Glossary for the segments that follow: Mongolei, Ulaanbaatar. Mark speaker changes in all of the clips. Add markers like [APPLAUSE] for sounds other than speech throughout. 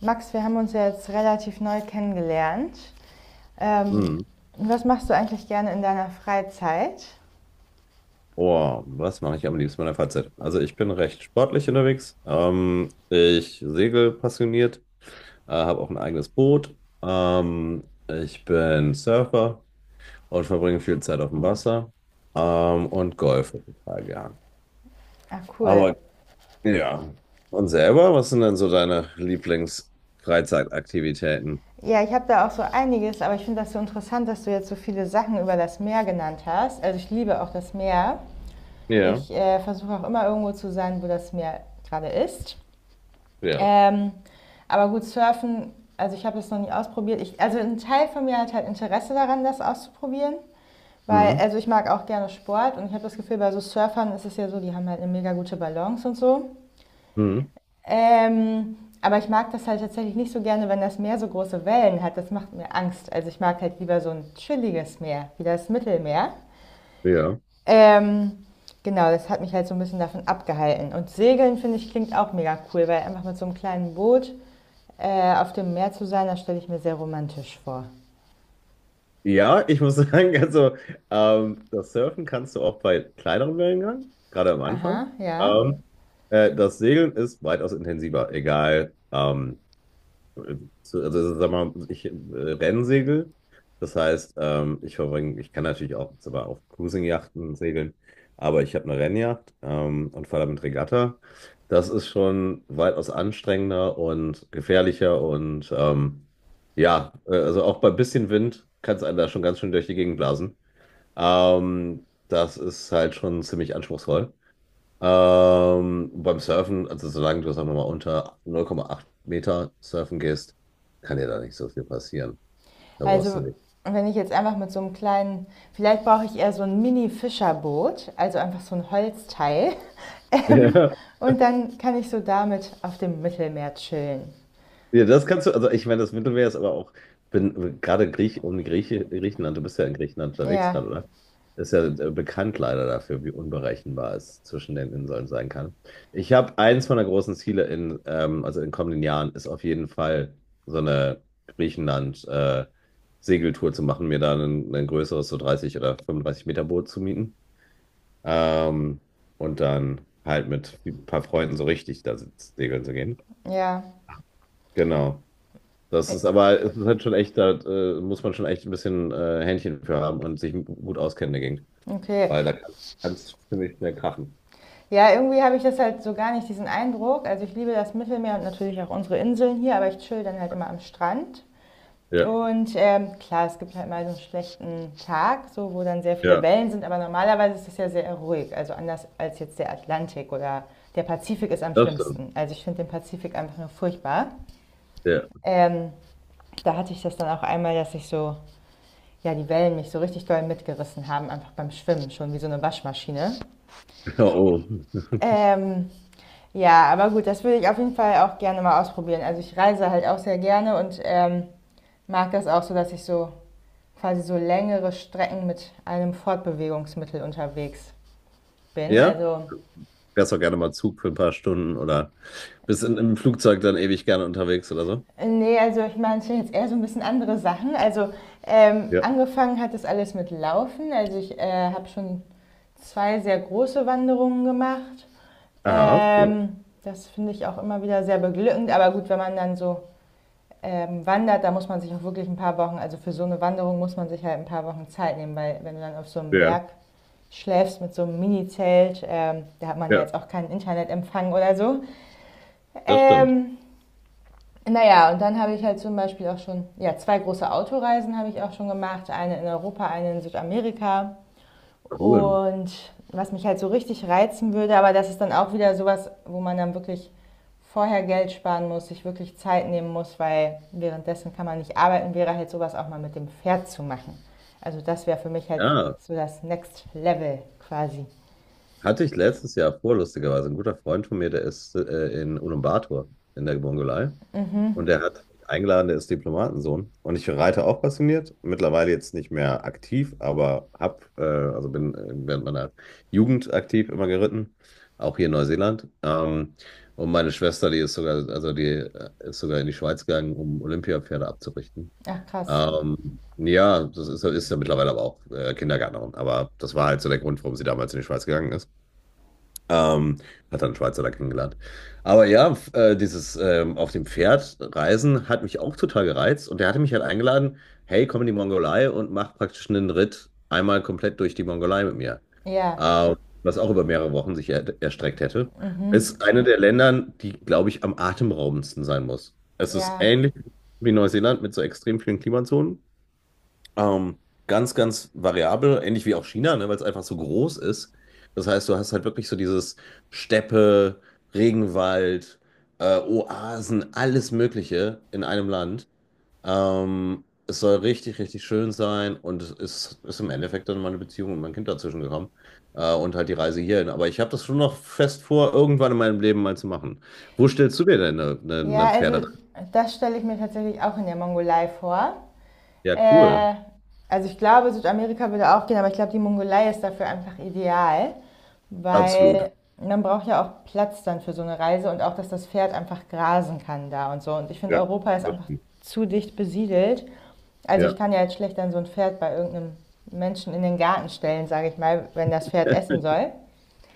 Speaker 1: Max, wir haben uns ja jetzt relativ neu kennengelernt. Ähm,
Speaker 2: Hm.
Speaker 1: was machst du eigentlich gerne in deiner Freizeit?
Speaker 2: Oh, was mache ich am liebsten in meiner Freizeit? Also ich bin recht sportlich unterwegs. Ich segel passioniert, habe auch ein eigenes Boot. Ich bin Surfer und verbringe viel Zeit auf dem Wasser. Und golfe total gern.
Speaker 1: Ach cool.
Speaker 2: Aber ja. Und selber, was sind denn so deine Lieblingsfreizeitaktivitäten?
Speaker 1: Ja, ich habe da auch so einiges, aber ich finde das so interessant, dass du jetzt so viele Sachen über das Meer genannt hast. Also ich liebe auch das Meer.
Speaker 2: Ja,
Speaker 1: Ich versuche auch immer irgendwo zu sein, wo das Meer gerade ist.
Speaker 2: ja.
Speaker 1: Ähm, aber gut, Surfen, also ich habe es noch nie ausprobiert. Also ein Teil von mir hat halt Interesse daran, das auszuprobieren. Weil,
Speaker 2: Hm.
Speaker 1: also ich mag auch gerne Sport und ich habe das Gefühl, bei so Surfern ist es ja so, die haben halt eine mega gute Balance und so.
Speaker 2: Hm.
Speaker 1: Ähm, aber ich mag das halt tatsächlich nicht so gerne, wenn das Meer so große Wellen hat. Das macht mir Angst. Also ich mag halt lieber so ein chilliges Meer, wie das Mittelmeer.
Speaker 2: Ja.
Speaker 1: Ähm, genau, das hat mich halt so ein bisschen davon abgehalten. Und Segeln, finde ich, klingt auch mega cool, weil einfach mit so einem kleinen Boot auf dem Meer zu sein, das stelle ich mir sehr romantisch vor.
Speaker 2: Ja, ich muss [LAUGHS] sagen, also das Surfen kannst du auch bei kleineren Wellengang, gerade am Anfang.
Speaker 1: Aha, ja.
Speaker 2: Ähm, Das Segeln ist weitaus intensiver, egal zu- sag mal, ich Rennsegel. Das heißt, ich kann natürlich auch sogar auf Cruising-Yachten segeln, aber ich habe eine Rennjacht und fahre damit Regatta. Das ist schon weitaus anstrengender und gefährlicher und ja, also auch bei bisschen Wind kann es einen da schon ganz schön durch die Gegend blasen. Das ist halt schon ziemlich anspruchsvoll. Beim Surfen, also solange du, sagen wir mal, unter 0,8 Meter surfen gehst, kann dir da nicht so viel passieren. Da brauchst du
Speaker 1: Also wenn ich jetzt einfach mit so einem kleinen, vielleicht brauche ich eher so ein Mini-Fischerboot, also einfach so ein Holzteil.
Speaker 2: nicht. [LAUGHS]
Speaker 1: [LAUGHS] Und dann kann ich so damit auf dem Mittelmeer chillen.
Speaker 2: Ja, das kannst du, also ich meine, das Mittelmeer ist aber auch, bin gerade Grieche, du bist ja in Griechenland unterwegs
Speaker 1: Ja,
Speaker 2: gerade, oder? Ist ja bekannt leider dafür, wie unberechenbar es zwischen den Inseln sein kann. Ich habe eins meiner großen Ziele in also in kommenden Jahren, ist auf jeden Fall so eine Griechenland-Segeltour zu machen, mir da ein größeres, so 30 oder 35 Meter Boot zu mieten. Ähm, und dann halt mit ein paar Freunden so richtig segeln zu gehen.
Speaker 1: ja.
Speaker 2: Genau. Das
Speaker 1: Äh,
Speaker 2: ist aber Es ist halt schon echt, da muss man schon echt ein bisschen Händchen für haben und sich gut auskennen dagegen,
Speaker 1: Okay.
Speaker 2: weil da kann es ziemlich schnell krachen.
Speaker 1: Ja, irgendwie habe ich das halt so gar nicht, diesen Eindruck. Also ich liebe das Mittelmeer und natürlich auch unsere Inseln hier, aber ich chill dann halt immer am Strand.
Speaker 2: Ja,
Speaker 1: Und klar, es gibt halt mal so einen schlechten Tag, so, wo dann sehr viele
Speaker 2: ja,
Speaker 1: Wellen sind, aber normalerweise ist es ja sehr ruhig. Also anders als jetzt der Atlantik oder der Pazifik ist am
Speaker 2: das stimmt.
Speaker 1: schlimmsten. Also ich finde den Pazifik einfach nur furchtbar.
Speaker 2: Ja.
Speaker 1: Ähm, da hatte ich das dann auch einmal, dass ich so, ja, die Wellen mich so richtig doll mitgerissen haben, einfach beim Schwimmen, schon wie so eine Waschmaschine.
Speaker 2: Ja, oh.
Speaker 1: Ähm, ja, aber gut, das würde ich auf jeden Fall auch gerne mal ausprobieren. Also ich reise halt auch sehr gerne und mag das auch so, dass ich so quasi so längere Strecken mit einem Fortbewegungsmittel unterwegs bin.
Speaker 2: Ja?
Speaker 1: Also
Speaker 2: Wärst auch gerne mal Zug für ein paar Stunden oder bist im Flugzeug dann ewig gerne unterwegs oder so?
Speaker 1: nee, also ich meine es sind jetzt eher so ein bisschen andere Sachen. Also
Speaker 2: Ja.
Speaker 1: angefangen hat das alles mit Laufen. Also ich habe schon zwei sehr große Wanderungen gemacht.
Speaker 2: Aha, cool.
Speaker 1: Das finde ich auch immer wieder sehr beglückend. Aber gut, wenn man dann so wandert, da muss man sich auch wirklich ein paar Wochen, also für so eine Wanderung muss man sich halt ein paar Wochen Zeit nehmen, weil wenn du dann auf so einem
Speaker 2: Ja,
Speaker 1: Berg schläfst mit so einem Mini-Zelt. Da hat man ja
Speaker 2: ja.
Speaker 1: jetzt auch keinen Internetempfang oder so.
Speaker 2: Das stimmt.
Speaker 1: Ähm, naja, und dann habe ich halt zum Beispiel auch schon, ja, zwei große Autoreisen habe ich auch schon gemacht. Eine in Europa, eine in Südamerika.
Speaker 2: Cool.
Speaker 1: Und was mich halt so richtig reizen würde, aber das ist dann auch wieder sowas, wo man dann wirklich vorher Geld sparen muss, sich wirklich Zeit nehmen muss, weil währenddessen kann man nicht arbeiten, wäre halt sowas auch mal mit dem Pferd zu machen. Also das wäre für mich halt
Speaker 2: Ja,
Speaker 1: so das Next Level quasi.
Speaker 2: hatte ich letztes Jahr vor, lustigerweise. Ein guter Freund von mir, der ist in Ulaanbaatar in der Mongolei. Und der hat mich eingeladen, der ist Diplomatensohn. Und ich reite auch passioniert. Mittlerweile jetzt nicht mehr aktiv, aber hab, also bin während meiner Jugend aktiv immer geritten. Auch hier in Neuseeland. Und meine Schwester, die ist sogar in die Schweiz gegangen, um Olympiapferde abzurichten.
Speaker 1: Ach krass,
Speaker 2: Ja, ist ja mittlerweile aber auch Kindergärtnerin. Aber das war halt so der Grund, warum sie damals in die Schweiz gegangen ist. Ähm, Hat dann einen Schweizer da kennengelernt. Aber ja, f- dieses auf dem Pferd reisen hat mich auch total gereizt. Und der hatte mich halt eingeladen, hey, komm in die Mongolei und mach praktisch einen Ritt einmal komplett durch die Mongolei mit mir.
Speaker 1: ja,
Speaker 2: Ähm, Was auch über mehrere Wochen sich er erstreckt hätte. Ist eine der Ländern, die, glaube ich, am atemberaubendsten sein muss. Es ist
Speaker 1: ja.
Speaker 2: ähnlich wie Neuseeland mit so extrem vielen Klimazonen. Ähm, Ganz, ganz variabel, ähnlich wie auch China, ne, weil es einfach so groß ist. Das heißt, du hast halt wirklich so dieses Steppe, Regenwald, Oasen, alles Mögliche in einem Land. Es soll richtig, richtig schön sein und ist im Endeffekt dann meine Beziehung und mein Kind dazwischen gekommen und halt die Reise hierhin. Aber ich habe das schon noch fest vor, irgendwann in meinem Leben mal zu machen. Wo stellst du dir denn
Speaker 1: Ja,
Speaker 2: eine Pferde?
Speaker 1: also das stelle ich mir tatsächlich auch in der Mongolei vor.
Speaker 2: Ja, cool.
Speaker 1: Äh, also ich glaube, Südamerika würde auch gehen, aber ich glaube, die Mongolei ist dafür einfach ideal,
Speaker 2: Absolut.
Speaker 1: weil man braucht ja auch Platz dann für so eine Reise und auch, dass das Pferd einfach grasen kann da und so. Und ich finde,
Speaker 2: Ja,
Speaker 1: Europa ist
Speaker 2: das
Speaker 1: einfach
Speaker 2: stimmt.
Speaker 1: zu dicht besiedelt. Also ich
Speaker 2: Ja.
Speaker 1: kann ja jetzt schlecht dann so ein Pferd bei irgendeinem Menschen in den Garten stellen, sage ich mal, wenn das Pferd
Speaker 2: [LAUGHS]
Speaker 1: essen soll.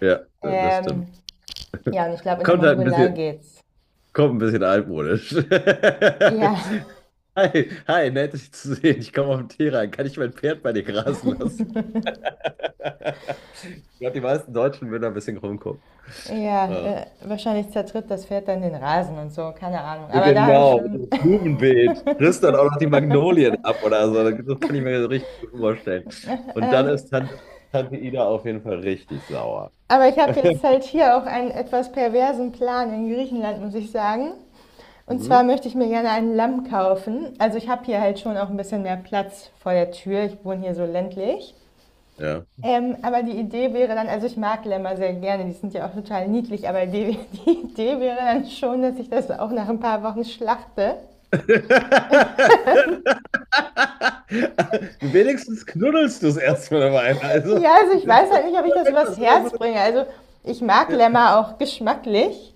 Speaker 2: Ja, das
Speaker 1: Ähm,
Speaker 2: stimmt.
Speaker 1: ja, und ich glaube, in der
Speaker 2: Kommt halt ein
Speaker 1: Mongolei
Speaker 2: bisschen,
Speaker 1: geht's.
Speaker 2: Kommt ein bisschen altmodisch. [LAUGHS]
Speaker 1: Ja,
Speaker 2: Hi, hi, nett dich zu sehen. Ich komme auf den Tee rein. Kann ich mein Pferd bei dir grasen lassen? [LAUGHS] Ich glaube, die meisten Deutschen würden da ein bisschen rumgucken.
Speaker 1: ja,
Speaker 2: Äh,
Speaker 1: wahrscheinlich zertritt das Pferd dann den Rasen und so, keine Ahnung.
Speaker 2: ja,
Speaker 1: Aber da habe ich
Speaker 2: genau, das
Speaker 1: schon. [LAUGHS]
Speaker 2: Blumenbeet. Frisst dann auch noch die Magnolien ab oder so. Das kann ich mir so richtig gut vorstellen. Und dann ist
Speaker 1: Ähm,
Speaker 2: Tante, Tante Ida auf jeden Fall richtig sauer.
Speaker 1: aber ich habe jetzt halt hier auch einen etwas perversen Plan in Griechenland, muss ich sagen. Und zwar
Speaker 2: Mhm.
Speaker 1: möchte ich mir gerne ein Lamm kaufen. Also ich habe hier halt schon auch ein bisschen mehr Platz vor der Tür. Ich wohne hier so ländlich.
Speaker 2: Ja.
Speaker 1: Aber die Idee wäre dann, also ich mag Lämmer sehr gerne, die sind ja auch total niedlich, aber die, [LAUGHS] die Idee wäre dann schon, dass ich das auch nach ein paar Wochen schlachte.
Speaker 2: [LAUGHS] Wenigstens knuddelst du es erstmal dabei. Also,
Speaker 1: Ja, also ich
Speaker 2: das ist
Speaker 1: weiß
Speaker 2: doch
Speaker 1: halt nicht, ob ich das übers
Speaker 2: etwas, oder so.
Speaker 1: Herz bringe. Also ich mag
Speaker 2: Ja.
Speaker 1: Lämmer auch geschmacklich.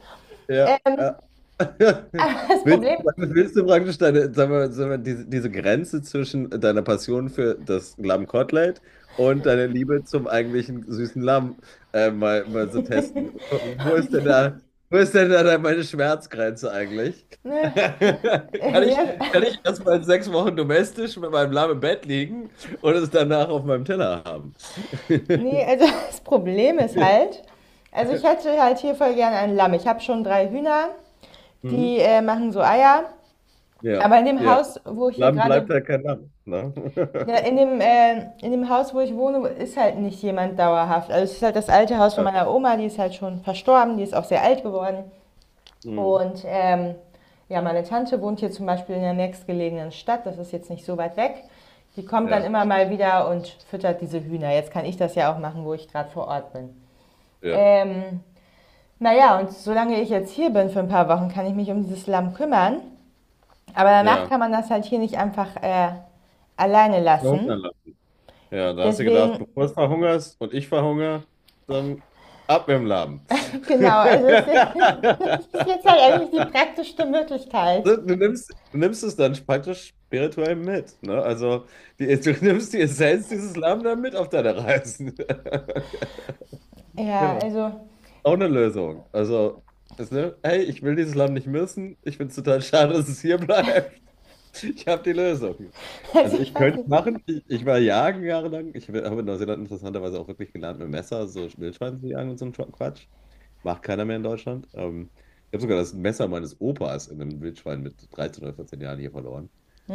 Speaker 2: Ja,
Speaker 1: Ähm,
Speaker 2: ja. [LAUGHS]
Speaker 1: aber [LAUGHS] das Problem,
Speaker 2: Willst du praktisch deine, sagen wir, diese Grenze zwischen deiner Passion für das Lammkotelett und deiner Liebe zum eigentlichen süßen Lamm mal so testen? Wo ist denn da, wo ist denn da meine Schmerzgrenze eigentlich? [LAUGHS]
Speaker 1: ne,
Speaker 2: Kann
Speaker 1: nee,
Speaker 2: ich,
Speaker 1: das,
Speaker 2: kann ich erstmal 6 Wochen domestisch mit meinem Lamm im Bett liegen und es danach auf meinem Teller haben?
Speaker 1: nee,
Speaker 2: [LAUGHS]
Speaker 1: also [LAUGHS] das Problem ist halt, also ich hätte halt hier voll gerne ein Lamm. Ich habe schon drei Hühner,
Speaker 2: Hm?
Speaker 1: die machen so Eier.
Speaker 2: Ja,
Speaker 1: Aber in dem
Speaker 2: ja.
Speaker 1: Haus, wo ich hier
Speaker 2: Lamm bleibt
Speaker 1: gerade,
Speaker 2: halt kein Lamm. Ne?
Speaker 1: ja, in
Speaker 2: [LAUGHS]
Speaker 1: dem, äh, in dem Haus, wo ich wohne, ist halt nicht jemand dauerhaft. Also es ist halt das alte Haus von
Speaker 2: Ja,
Speaker 1: meiner Oma, die ist halt schon verstorben, die ist auch sehr alt geworden.
Speaker 2: mhm,
Speaker 1: Und ja, meine Tante wohnt hier zum Beispiel in der nächstgelegenen Stadt, das ist jetzt nicht so weit weg. Die kommt dann
Speaker 2: ja,
Speaker 1: immer mal wieder und füttert diese Hühner. Jetzt kann ich das ja auch machen, wo ich gerade vor Ort bin.
Speaker 2: ja,
Speaker 1: Ähm, naja, und solange ich jetzt hier bin für ein paar Wochen, kann ich mich um dieses Lamm kümmern. Aber danach
Speaker 2: ja.
Speaker 1: kann man das halt hier nicht einfach alleine
Speaker 2: Verhungern
Speaker 1: lassen.
Speaker 2: lassen. Ja, da hast du gedacht,
Speaker 1: Deswegen,
Speaker 2: bevor es verhungerst und ich verhungere, dann ab mit dem Laden.
Speaker 1: [LAUGHS] genau, also es das [LAUGHS] ist jetzt halt eigentlich die
Speaker 2: [LAUGHS]
Speaker 1: praktischste Möglichkeit.
Speaker 2: Du nimmst es dann praktisch spirituell mit, ne? Also die, du nimmst die Essenz dieses Lamm dann mit auf deine Reisen. [LAUGHS]
Speaker 1: Ja,
Speaker 2: Ja,
Speaker 1: also,
Speaker 2: auch eine Lösung. Also, ist, ne? Hey, ich will dieses Lamm nicht missen. Ich finde es total schade, dass es hier bleibt. Ich habe die Lösung.
Speaker 1: [LAUGHS] also
Speaker 2: Also ich
Speaker 1: ich weiß
Speaker 2: könnte
Speaker 1: nicht.
Speaker 2: machen, ich war jagen jahrelang. Ich habe in Neuseeland interessanterweise auch wirklich gelernt, mit Messer so Wildschweine zu jagen und so ein Quatsch. Macht keiner mehr in Deutschland. Ich habe sogar das Messer meines Opas in einem Wildschwein mit 13 oder 14 Jahren hier verloren.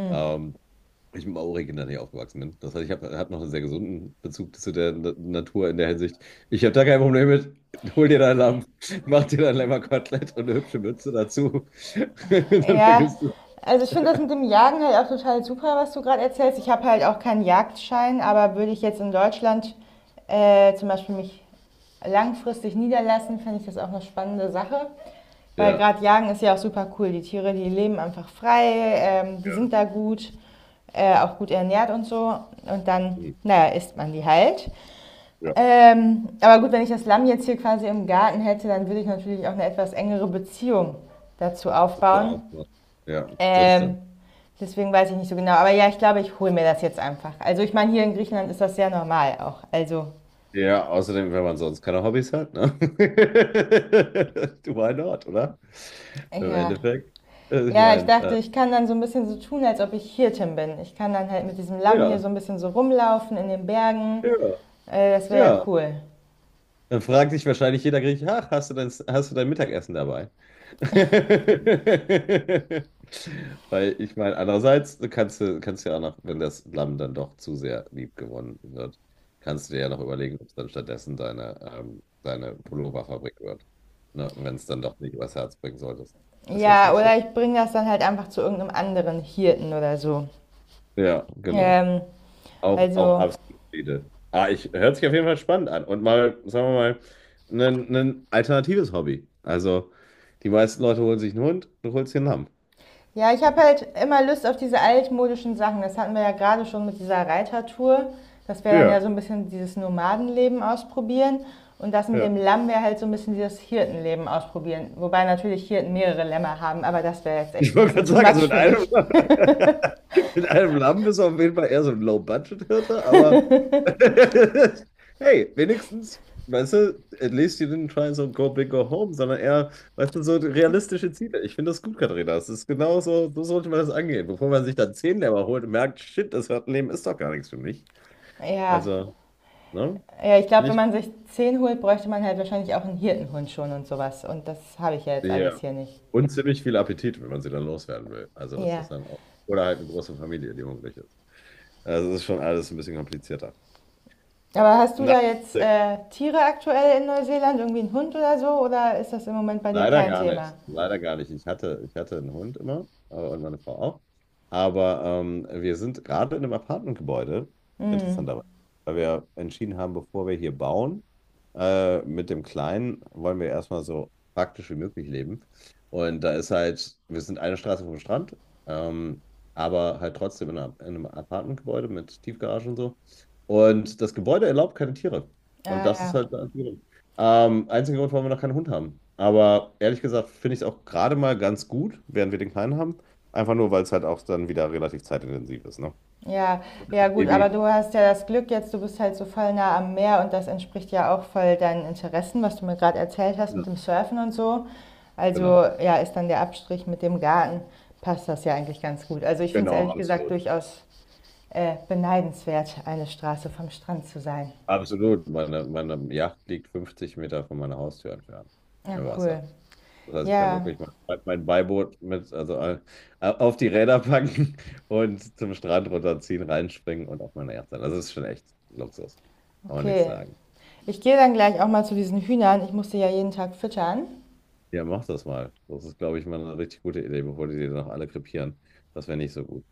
Speaker 2: Ähm, Ich mit Maori-Kindern hier aufgewachsen bin. Das heißt, ich hab noch einen sehr gesunden Bezug zu der Natur in der Hinsicht. Ich habe da kein Problem mit. Hol dir dein Lamm, mach dir dein Lämmerkotelett und eine hübsche Mütze dazu. [LAUGHS] Dann
Speaker 1: Ja,
Speaker 2: vergisst du es.
Speaker 1: also ich finde das mit dem Jagen halt auch total super, was du gerade erzählst. Ich habe halt auch keinen Jagdschein, aber würde ich jetzt in Deutschland zum Beispiel mich langfristig niederlassen, fände ich das auch eine spannende Sache. Weil
Speaker 2: Ja.
Speaker 1: gerade Jagen ist ja auch super cool. Die Tiere, die leben einfach frei, die
Speaker 2: Ja.
Speaker 1: sind da gut, auch gut ernährt und so. Und dann,
Speaker 2: Hm.
Speaker 1: naja, isst man die halt.
Speaker 2: Ja,
Speaker 1: Aber gut, wenn ich das Lamm jetzt hier quasi im Garten hätte, dann würde ich natürlich auch eine etwas engere Beziehung dazu
Speaker 2: das ist
Speaker 1: aufbauen.
Speaker 2: auch so. Ja, das
Speaker 1: Ähm,
Speaker 2: stimmt.
Speaker 1: deswegen weiß ich nicht so genau. Aber ja, ich glaube, ich hole mir das jetzt einfach. Also ich meine, hier in Griechenland ist das sehr normal auch. Also
Speaker 2: Ja, außerdem, wenn man sonst keine Hobbys hat, ne? [LAUGHS] Du, why not, oder? Im
Speaker 1: ja.
Speaker 2: Endeffekt. Also ich
Speaker 1: Ja, ich
Speaker 2: meine,
Speaker 1: dachte, ich kann dann so ein bisschen so tun, als ob ich Hirtin bin. Ich kann dann halt mit diesem Lamm hier
Speaker 2: ja,
Speaker 1: so ein bisschen so rumlaufen in den
Speaker 2: ja,
Speaker 1: Bergen. Das wäre ja
Speaker 2: ja.
Speaker 1: cool.
Speaker 2: Dann fragt sich wahrscheinlich jeder Grieche, ach, hast du dein Mittagessen dabei? [LAUGHS] Weil ich meine, andererseits du kannst ja auch noch, wenn das Lamm dann doch zu sehr lieb gewonnen wird, kannst du dir ja noch überlegen, ob es dann stattdessen deine Pulloverfabrik wird. Ne? Wenn es dann doch nicht übers Herz bringen solltest. Das ist jetzt
Speaker 1: Ja,
Speaker 2: nicht so.
Speaker 1: oder ich bringe das dann halt einfach zu irgendeinem anderen Hirten oder so.
Speaker 2: Ja, genau.
Speaker 1: Ähm,
Speaker 2: Auch, auch
Speaker 1: also
Speaker 2: absolut Friede. Ah, ich, hört sich auf jeden Fall spannend an. Und mal, sagen wir mal, ein alternatives Hobby. Also, die meisten Leute holen sich einen Hund, du holst dir einen Lamm.
Speaker 1: ja, ich habe halt immer Lust auf diese altmodischen Sachen. Das hatten wir ja gerade schon mit dieser Reitertour. Das wäre dann ja
Speaker 2: Ja,
Speaker 1: so ein bisschen dieses Nomadenleben ausprobieren. Und das mit
Speaker 2: ja.
Speaker 1: dem Lamm wäre halt so ein bisschen dieses Hirtenleben ausprobieren. Wobei natürlich Hirten mehrere Lämmer haben, aber das wäre jetzt echt
Speaker 2: Ich
Speaker 1: ein
Speaker 2: wollte
Speaker 1: bisschen
Speaker 2: gerade
Speaker 1: too
Speaker 2: sagen, also
Speaker 1: much
Speaker 2: mit
Speaker 1: für
Speaker 2: einem,
Speaker 1: mich.
Speaker 2: [LAUGHS] mit einem Lamm bist du auf jeden Fall eher so ein Low-Budget-Hirte, aber [LAUGHS] hey, wenigstens, weißt du, at least you didn't try so go big go home, sondern eher, weißt du, so realistische Ziele. Ich finde das gut, Katharina. Das ist genau so, so sollte man das angehen, bevor man sich dann 10 Lämmer holt und merkt, shit, das Leben ist doch gar nichts für mich.
Speaker 1: Ja,
Speaker 2: Also, ne?
Speaker 1: ja ich glaube, wenn
Speaker 2: Finde
Speaker 1: man sich zehn holt, bräuchte man halt wahrscheinlich auch einen Hirtenhund schon und sowas. Und das habe ich ja jetzt
Speaker 2: ich,
Speaker 1: alles
Speaker 2: ja.
Speaker 1: hier nicht.
Speaker 2: Und ziemlich viel Appetit, wenn man sie dann loswerden will. Also, das
Speaker 1: Ja.
Speaker 2: ist dann auch. Oder halt eine große Familie, die hungrig ist. Also, das ist schon alles ein bisschen komplizierter.
Speaker 1: Aber hast du
Speaker 2: Na,
Speaker 1: da jetzt Tiere aktuell in Neuseeland? Irgendwie einen Hund oder so? Oder ist das im Moment bei dir
Speaker 2: leider
Speaker 1: kein
Speaker 2: gar
Speaker 1: Thema?
Speaker 2: nicht. Leider gar nicht. Ich hatte einen Hund immer und meine Frau auch. Aber wir sind gerade in einem Apartmentgebäude,
Speaker 1: Mhm.
Speaker 2: interessanterweise, weil wir entschieden haben, bevor wir hier bauen, mit dem Kleinen wollen wir erstmal so praktisch wie möglich leben. Und da ist halt, wir sind eine Straße vom Strand, ähm, aber halt trotzdem in einem Apartmentgebäude mit Tiefgarage und so. Und das Gebäude erlaubt keine Tiere.
Speaker 1: Ja,
Speaker 2: Und das ist
Speaker 1: ja.
Speaker 2: halt. Einziger Grund, warum wir noch keinen Hund haben. Aber ehrlich gesagt finde ich es auch gerade mal ganz gut, während wir den Kleinen haben. Einfach nur, weil es halt auch dann wieder relativ zeitintensiv ist, ne?
Speaker 1: Ja, ja
Speaker 2: Das
Speaker 1: gut, aber
Speaker 2: Baby.
Speaker 1: du hast ja das Glück jetzt, du bist halt so voll nah am Meer und das entspricht ja auch voll deinen Interessen, was du mir gerade erzählt hast mit
Speaker 2: Genau.
Speaker 1: dem Surfen und so. Also
Speaker 2: Genau,
Speaker 1: ja, ist dann der Abstrich mit dem Garten, passt das ja eigentlich ganz gut. Also ich finde es
Speaker 2: genau,
Speaker 1: ehrlich gesagt
Speaker 2: absolut.
Speaker 1: durchaus beneidenswert, eine Straße vom Strand zu sein.
Speaker 2: Absolut. Meine Yacht liegt 50 Meter von meiner Haustür entfernt
Speaker 1: Ja,
Speaker 2: im Wasser.
Speaker 1: cool.
Speaker 2: Das heißt, ich kann
Speaker 1: Ja,
Speaker 2: wirklich mein Beiboot mit, also auf die Räder packen [LAUGHS] und zum Strand runterziehen, reinspringen und auf meine Yacht sein. Also, das ist schon echt Luxus. Kann man nichts
Speaker 1: okay.
Speaker 2: sagen.
Speaker 1: Ich gehe dann gleich auch mal zu diesen Hühnern. Ich muss sie ja jeden Tag füttern.
Speaker 2: Ja, mach das mal. Das ist, glaube ich, mal eine richtig gute Idee, bevor die noch alle krepieren. Das wäre nicht so gut.